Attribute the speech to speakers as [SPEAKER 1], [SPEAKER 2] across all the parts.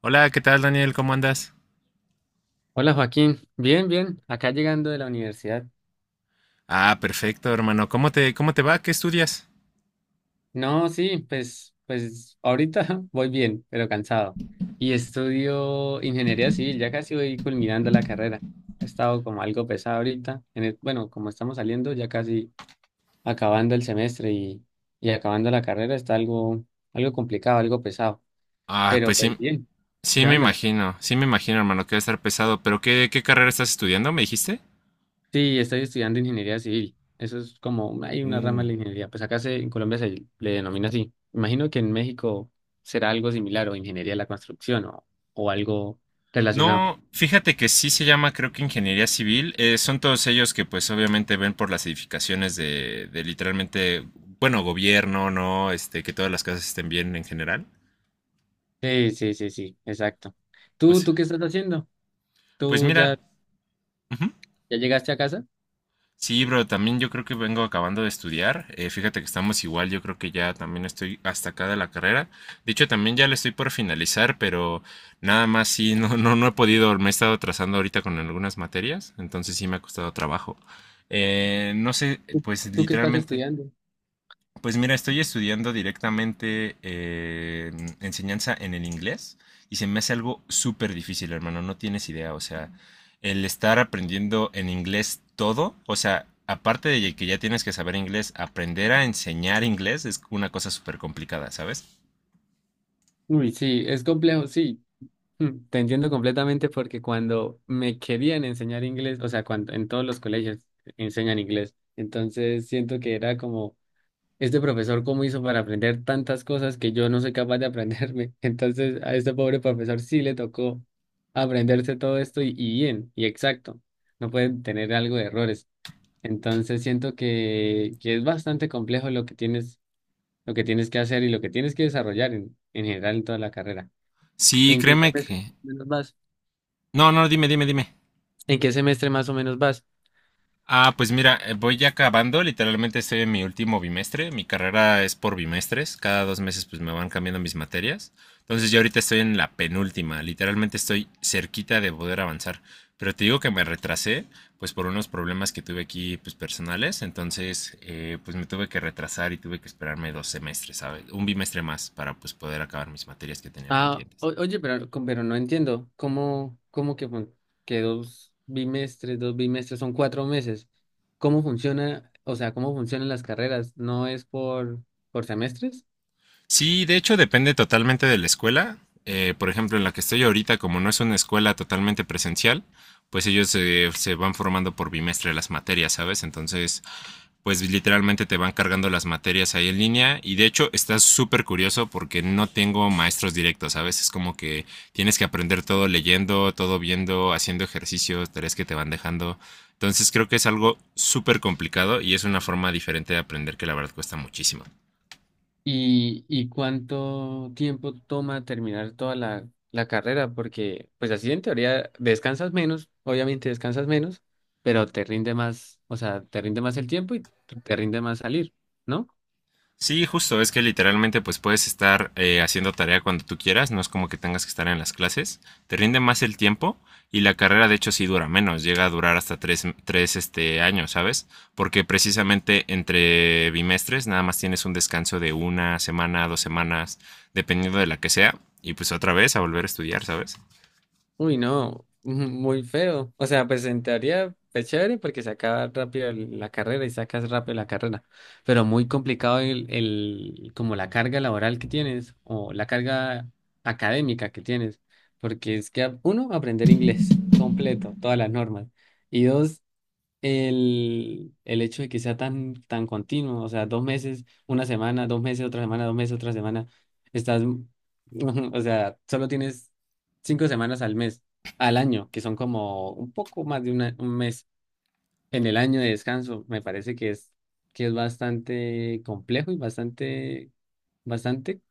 [SPEAKER 1] Hola, ¿qué tal, Daniel? ¿Cómo andas?
[SPEAKER 2] Hola Joaquín, bien, bien, acá llegando de la universidad.
[SPEAKER 1] Ah, perfecto, hermano. Cómo te va? ¿Qué estudias?
[SPEAKER 2] No, sí, pues ahorita voy bien, pero cansado. Y estudio ingeniería civil, ya casi voy culminando la carrera. Ha estado como algo pesado ahorita. Bueno, como estamos saliendo, ya casi acabando el semestre y acabando la carrera, está algo complicado, algo pesado,
[SPEAKER 1] Ah,
[SPEAKER 2] pero
[SPEAKER 1] pues
[SPEAKER 2] pues
[SPEAKER 1] sí,
[SPEAKER 2] bien, llevándola.
[SPEAKER 1] sí me imagino, hermano, que va a estar pesado. Pero ¿qué, qué carrera estás estudiando? ¿Me dijiste?
[SPEAKER 2] Sí, estoy estudiando ingeniería civil. Eso es como, hay una rama
[SPEAKER 1] Uh.
[SPEAKER 2] de la ingeniería. Pues en Colombia se le denomina así. Imagino que en México será algo similar o ingeniería de la construcción o algo relacionado.
[SPEAKER 1] No, fíjate que sí se llama, creo que ingeniería civil. Son todos ellos que pues obviamente ven por las edificaciones de literalmente, bueno, gobierno, ¿no? Este, que todas las casas estén bien en general.
[SPEAKER 2] Sí, sí, sí, sí, exacto.
[SPEAKER 1] O
[SPEAKER 2] ¿Tú,
[SPEAKER 1] sea,
[SPEAKER 2] tú qué estás haciendo?
[SPEAKER 1] pues
[SPEAKER 2] ¿Tú
[SPEAKER 1] mira,
[SPEAKER 2] ya,
[SPEAKER 1] ujú.
[SPEAKER 2] ya llegaste a casa?
[SPEAKER 1] Sí, bro, también yo creo que vengo acabando de estudiar. Fíjate que estamos igual, yo creo que ya también estoy hasta acá de la carrera. De hecho, también ya le estoy por finalizar, pero nada más sí, no he podido, me he estado atrasando ahorita con algunas materias, entonces sí me ha costado trabajo. No sé, pues
[SPEAKER 2] ¿Tú qué estás
[SPEAKER 1] literalmente,
[SPEAKER 2] estudiando?
[SPEAKER 1] pues mira, estoy estudiando directamente enseñanza en el inglés y se me hace algo súper difícil, hermano, no tienes idea, o sea, el estar aprendiendo en inglés todo, o sea, aparte de que ya tienes que saber inglés, aprender a enseñar inglés es una cosa súper complicada, ¿sabes?
[SPEAKER 2] Uy, sí, es complejo, sí. Te entiendo completamente, porque cuando me querían enseñar inglés, o sea, cuando en todos los colegios enseñan inglés, entonces siento que era como: "Este profesor, ¿cómo hizo para aprender tantas cosas que yo no soy capaz de aprenderme?" Entonces, a este pobre profesor sí le tocó aprenderse todo esto y bien, y exacto. No pueden tener algo de errores. Entonces, siento que es bastante complejo lo que tienes que hacer y lo que tienes que desarrollar en general en toda la carrera.
[SPEAKER 1] Sí,
[SPEAKER 2] ¿En qué
[SPEAKER 1] créeme
[SPEAKER 2] semestre más
[SPEAKER 1] que...
[SPEAKER 2] o menos vas?
[SPEAKER 1] No, no, dime, dime, dime.
[SPEAKER 2] ¿En qué semestre más o menos vas?
[SPEAKER 1] Ah, pues mira, voy ya acabando, literalmente estoy en mi último bimestre, mi carrera es por bimestres, cada dos meses pues me van cambiando mis materias, entonces yo ahorita estoy en la penúltima, literalmente estoy cerquita de poder avanzar, pero te digo que me retrasé pues por unos problemas que tuve aquí pues personales, entonces pues me tuve que retrasar y tuve que esperarme dos semestres, ¿sabes? Un bimestre más para pues poder acabar mis materias que tenía
[SPEAKER 2] Ah,
[SPEAKER 1] pendientes.
[SPEAKER 2] oye, pero no entiendo. ¿Cómo que dos bimestres son 4 meses? ¿Cómo funciona? O sea, ¿cómo funcionan las carreras? ¿No es por semestres?
[SPEAKER 1] Sí, de hecho depende totalmente de la escuela. Por ejemplo, en la que estoy ahorita, como no es una escuela totalmente presencial, pues ellos se van formando por bimestre las materias, ¿sabes? Entonces, pues literalmente te van cargando las materias ahí en línea y de hecho está súper curioso porque no tengo maestros directos, ¿sabes? Es como que tienes que aprender todo leyendo, todo viendo, haciendo ejercicios, tareas que te van dejando. Entonces creo que es algo súper complicado y es una forma diferente de aprender que la verdad cuesta muchísimo.
[SPEAKER 2] ¿Y cuánto tiempo toma terminar toda la carrera? Porque, pues así en teoría descansas menos, obviamente descansas menos, pero te rinde más, o sea, te rinde más el tiempo y te rinde más salir, ¿no?
[SPEAKER 1] Sí, justo, es que literalmente pues puedes estar haciendo tarea cuando tú quieras, no es como que tengas que estar en las clases, te rinde más el tiempo y la carrera de hecho sí dura menos, llega a durar hasta tres este, años, ¿sabes? Porque precisamente entre bimestres nada más tienes un descanso de una semana, dos semanas, dependiendo de la que sea, y pues otra vez a volver a estudiar, ¿sabes?
[SPEAKER 2] Uy, no, muy feo. O sea, pues en teoría es chévere porque se acaba rápido la carrera y sacas rápido la carrera, pero muy complicado el como la carga laboral que tienes o la carga académica que tienes, porque es que uno, aprender inglés completo, todas las normas, y dos, el hecho de que sea tan continuo, o sea, 2 meses, una semana, 2 meses, otra semana, 2 meses, otra semana, estás, o sea, solo tienes 5 semanas al mes, al año, que son como un poco más de un mes en el año de descanso. Me parece que es bastante complejo y bastante, bastante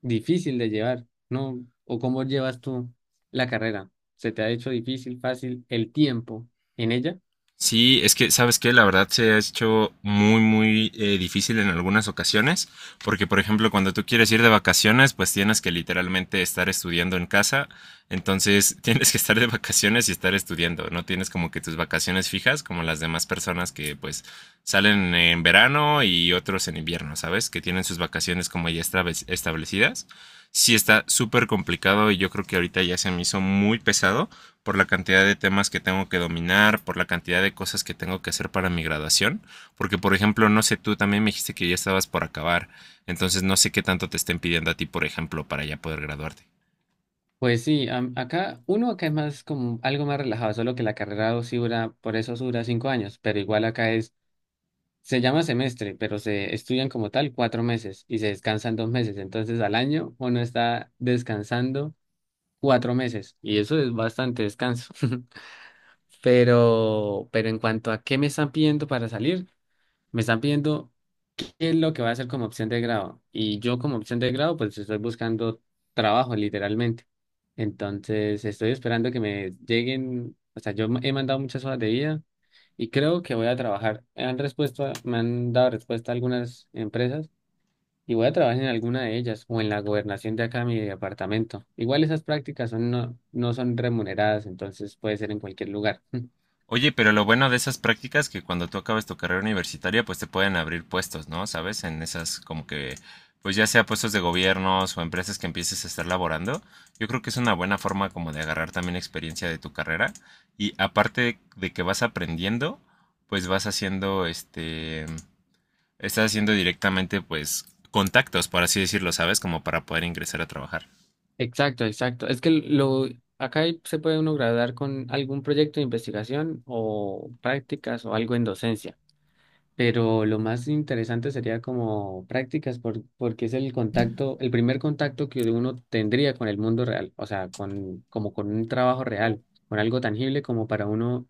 [SPEAKER 2] difícil de llevar, ¿no? ¿O cómo llevas tú la carrera? ¿Se te ha hecho difícil, fácil el tiempo en ella?
[SPEAKER 1] Sí, es que, ¿sabes qué? La verdad se ha hecho muy, muy difícil en algunas ocasiones, porque por ejemplo, cuando tú quieres ir de vacaciones, pues tienes que literalmente estar estudiando en casa, entonces tienes que estar de vacaciones y estar estudiando, no tienes como que tus vacaciones fijas como las demás personas que pues salen en verano y otros en invierno, ¿sabes? Que tienen sus vacaciones como ya establecidas. Sí, está súper complicado y yo creo que ahorita ya se me hizo muy pesado por la cantidad de temas que tengo que dominar, por la cantidad de cosas que tengo que hacer para mi graduación. Porque, por ejemplo, no sé, tú también me dijiste que ya estabas por acabar. Entonces, no sé qué tanto te estén pidiendo a ti, por ejemplo, para ya poder graduarte.
[SPEAKER 2] Pues sí, acá, uno acá es más como algo más relajado, solo que la carrera dos sí dura, por eso sí dura 5 años, pero igual se llama semestre, pero se estudian como tal 4 meses y se descansan 2 meses, entonces al año uno está descansando 4 meses y eso es bastante descanso. Pero en cuanto a qué me están pidiendo para salir, me están pidiendo: ¿qué es lo que voy a hacer como opción de grado? Y yo, como opción de grado, pues estoy buscando trabajo literalmente. Entonces, estoy esperando que me lleguen, o sea, yo he mandado muchas hojas de vida y creo que voy a trabajar. Me han respuesto, me han dado respuesta algunas empresas y voy a trabajar en alguna de ellas o en la gobernación de acá de mi departamento. Igual esas prácticas son, no, no son remuneradas, entonces puede ser en cualquier lugar.
[SPEAKER 1] Oye, pero lo bueno de esas prácticas es que cuando tú acabes tu carrera universitaria, pues te pueden abrir puestos, ¿no? ¿Sabes? En esas como que, pues ya sea puestos de gobiernos o empresas que empieces a estar laborando, yo creo que es una buena forma como de agarrar también experiencia de tu carrera y aparte de que vas aprendiendo, pues vas haciendo este, estás haciendo directamente pues contactos, por así decirlo, ¿sabes? Como para poder ingresar a trabajar.
[SPEAKER 2] Exacto, exacto. Es que se puede uno graduar con algún proyecto de investigación o prácticas o algo en docencia, pero lo más interesante sería como prácticas porque es el contacto, el primer contacto que uno tendría con el mundo real, o sea, con un trabajo real, con algo tangible como para uno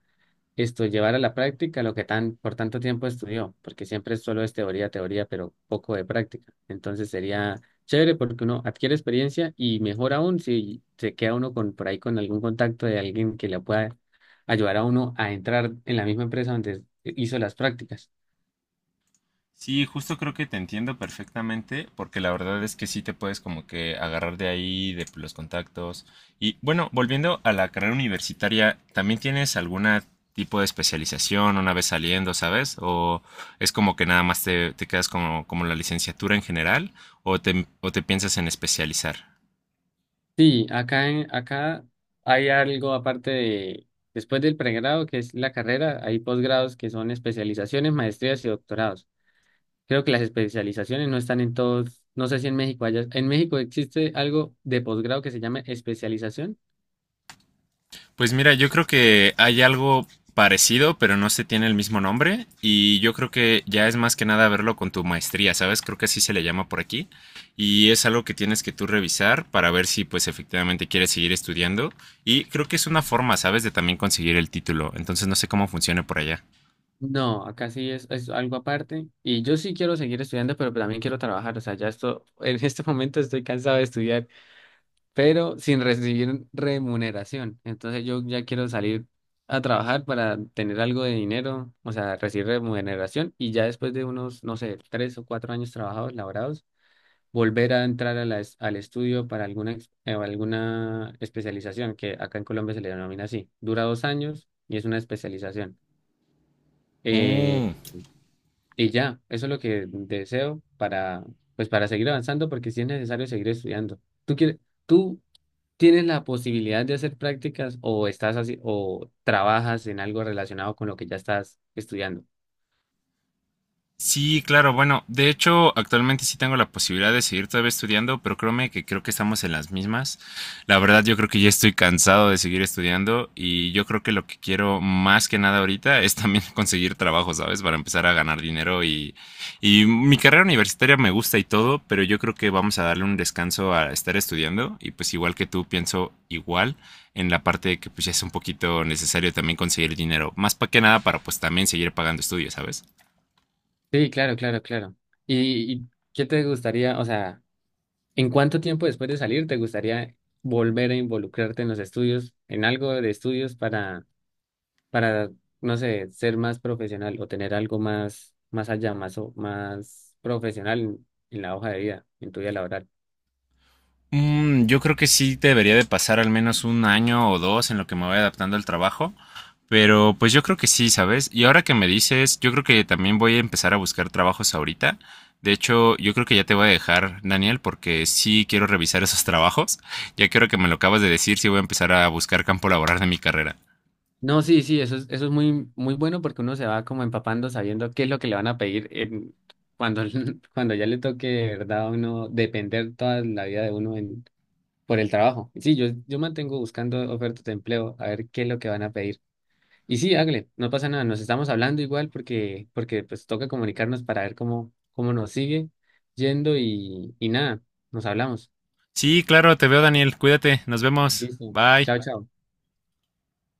[SPEAKER 2] esto, llevar a la práctica lo que por tanto tiempo estudió, porque siempre solo es teoría, teoría, pero poco de práctica. Entonces sería chévere porque uno adquiere experiencia, y mejor aún si se queda uno por ahí con algún contacto de alguien que le pueda ayudar a uno a entrar en la misma empresa donde hizo las prácticas.
[SPEAKER 1] Sí, justo creo que te entiendo perfectamente, porque la verdad es que sí te puedes como que agarrar de ahí, de los contactos. Y bueno, volviendo a la carrera universitaria, ¿también tienes alguna tipo de especialización una vez saliendo, sabes? ¿O es como que nada más te, te quedas como, como la licenciatura en general? O te piensas en especializar?
[SPEAKER 2] Sí, acá hay algo aparte de, después del pregrado, que es la carrera, hay posgrados que son especializaciones, maestrías y doctorados. Creo que las especializaciones no están en todos, no sé si en México haya, ¿en México existe algo de posgrado que se llame especialización?
[SPEAKER 1] Pues mira, yo creo que hay algo parecido, pero no se tiene el mismo nombre. Y yo creo que ya es más que nada verlo con tu maestría, ¿sabes? Creo que así se le llama por aquí. Y es algo que tienes que tú revisar para ver si pues efectivamente quieres seguir estudiando. Y creo que es una forma, ¿sabes? De también conseguir el título. Entonces no sé cómo funcione por allá.
[SPEAKER 2] No, acá sí es algo aparte, y yo sí quiero seguir estudiando, pero también quiero trabajar, o sea, ya esto, en este momento estoy cansado de estudiar, pero sin recibir remuneración, entonces yo ya quiero salir a trabajar para tener algo de dinero, o sea, recibir remuneración, y ya después de unos, no sé, 3 o 4 años trabajados, laborados, volver a entrar a al estudio para alguna especialización, que acá en Colombia se le denomina así. Dura 2 años y es una especialización. Eh,
[SPEAKER 1] Mm.
[SPEAKER 2] y ya, eso es lo que deseo pues, para seguir avanzando, porque sí es necesario seguir estudiando. Tú tienes la posibilidad de hacer prácticas, o estás así, o trabajas en algo relacionado con lo que ya estás estudiando?
[SPEAKER 1] Sí, claro, bueno, de hecho actualmente sí tengo la posibilidad de seguir todavía estudiando, pero créeme que creo que estamos en las mismas. La verdad yo creo que ya estoy cansado de seguir estudiando y yo creo que lo que quiero más que nada ahorita es también conseguir trabajo, ¿sabes? Para empezar a ganar dinero y mi carrera universitaria me gusta y todo, pero yo creo que vamos a darle un descanso a estar estudiando y pues igual que tú pienso igual en la parte de que pues ya es un poquito necesario también conseguir dinero, más para que nada para pues también seguir pagando estudios, ¿sabes?
[SPEAKER 2] Sí, claro, claro, claro. ¿Y qué te gustaría, o sea... ¿En cuánto tiempo después de salir te gustaría volver a involucrarte en los estudios, en algo de estudios para, no sé, ser más profesional o tener algo más, más allá, más profesional en la hoja de vida, en tu vida laboral?
[SPEAKER 1] Mm, yo creo que sí debería de pasar al menos un año o dos en lo que me voy adaptando al trabajo. Pero pues yo creo que sí, ¿sabes? Y ahora que me dices, yo creo que también voy a empezar a buscar trabajos ahorita. De hecho, yo creo que ya te voy a dejar, Daniel, porque sí quiero revisar esos trabajos. Ya quiero que me lo acabas de decir, sí voy a empezar a buscar campo laboral de mi carrera.
[SPEAKER 2] No, sí, sí, eso es muy, muy bueno, porque uno se va como empapando, sabiendo qué es lo que le van a pedir cuando, cuando ya le toque, de ¿verdad? A uno depender toda la vida de uno por el trabajo. Sí, yo mantengo buscando ofertas de empleo a ver qué es lo que van a pedir. Y sí, hágale, no pasa nada, nos estamos hablando igual, porque pues toca comunicarnos para ver cómo nos sigue yendo y nada, nos hablamos.
[SPEAKER 1] Sí, claro, te veo, Daniel. Cuídate, nos vemos.
[SPEAKER 2] Listo.
[SPEAKER 1] Bye.
[SPEAKER 2] Chao, chao.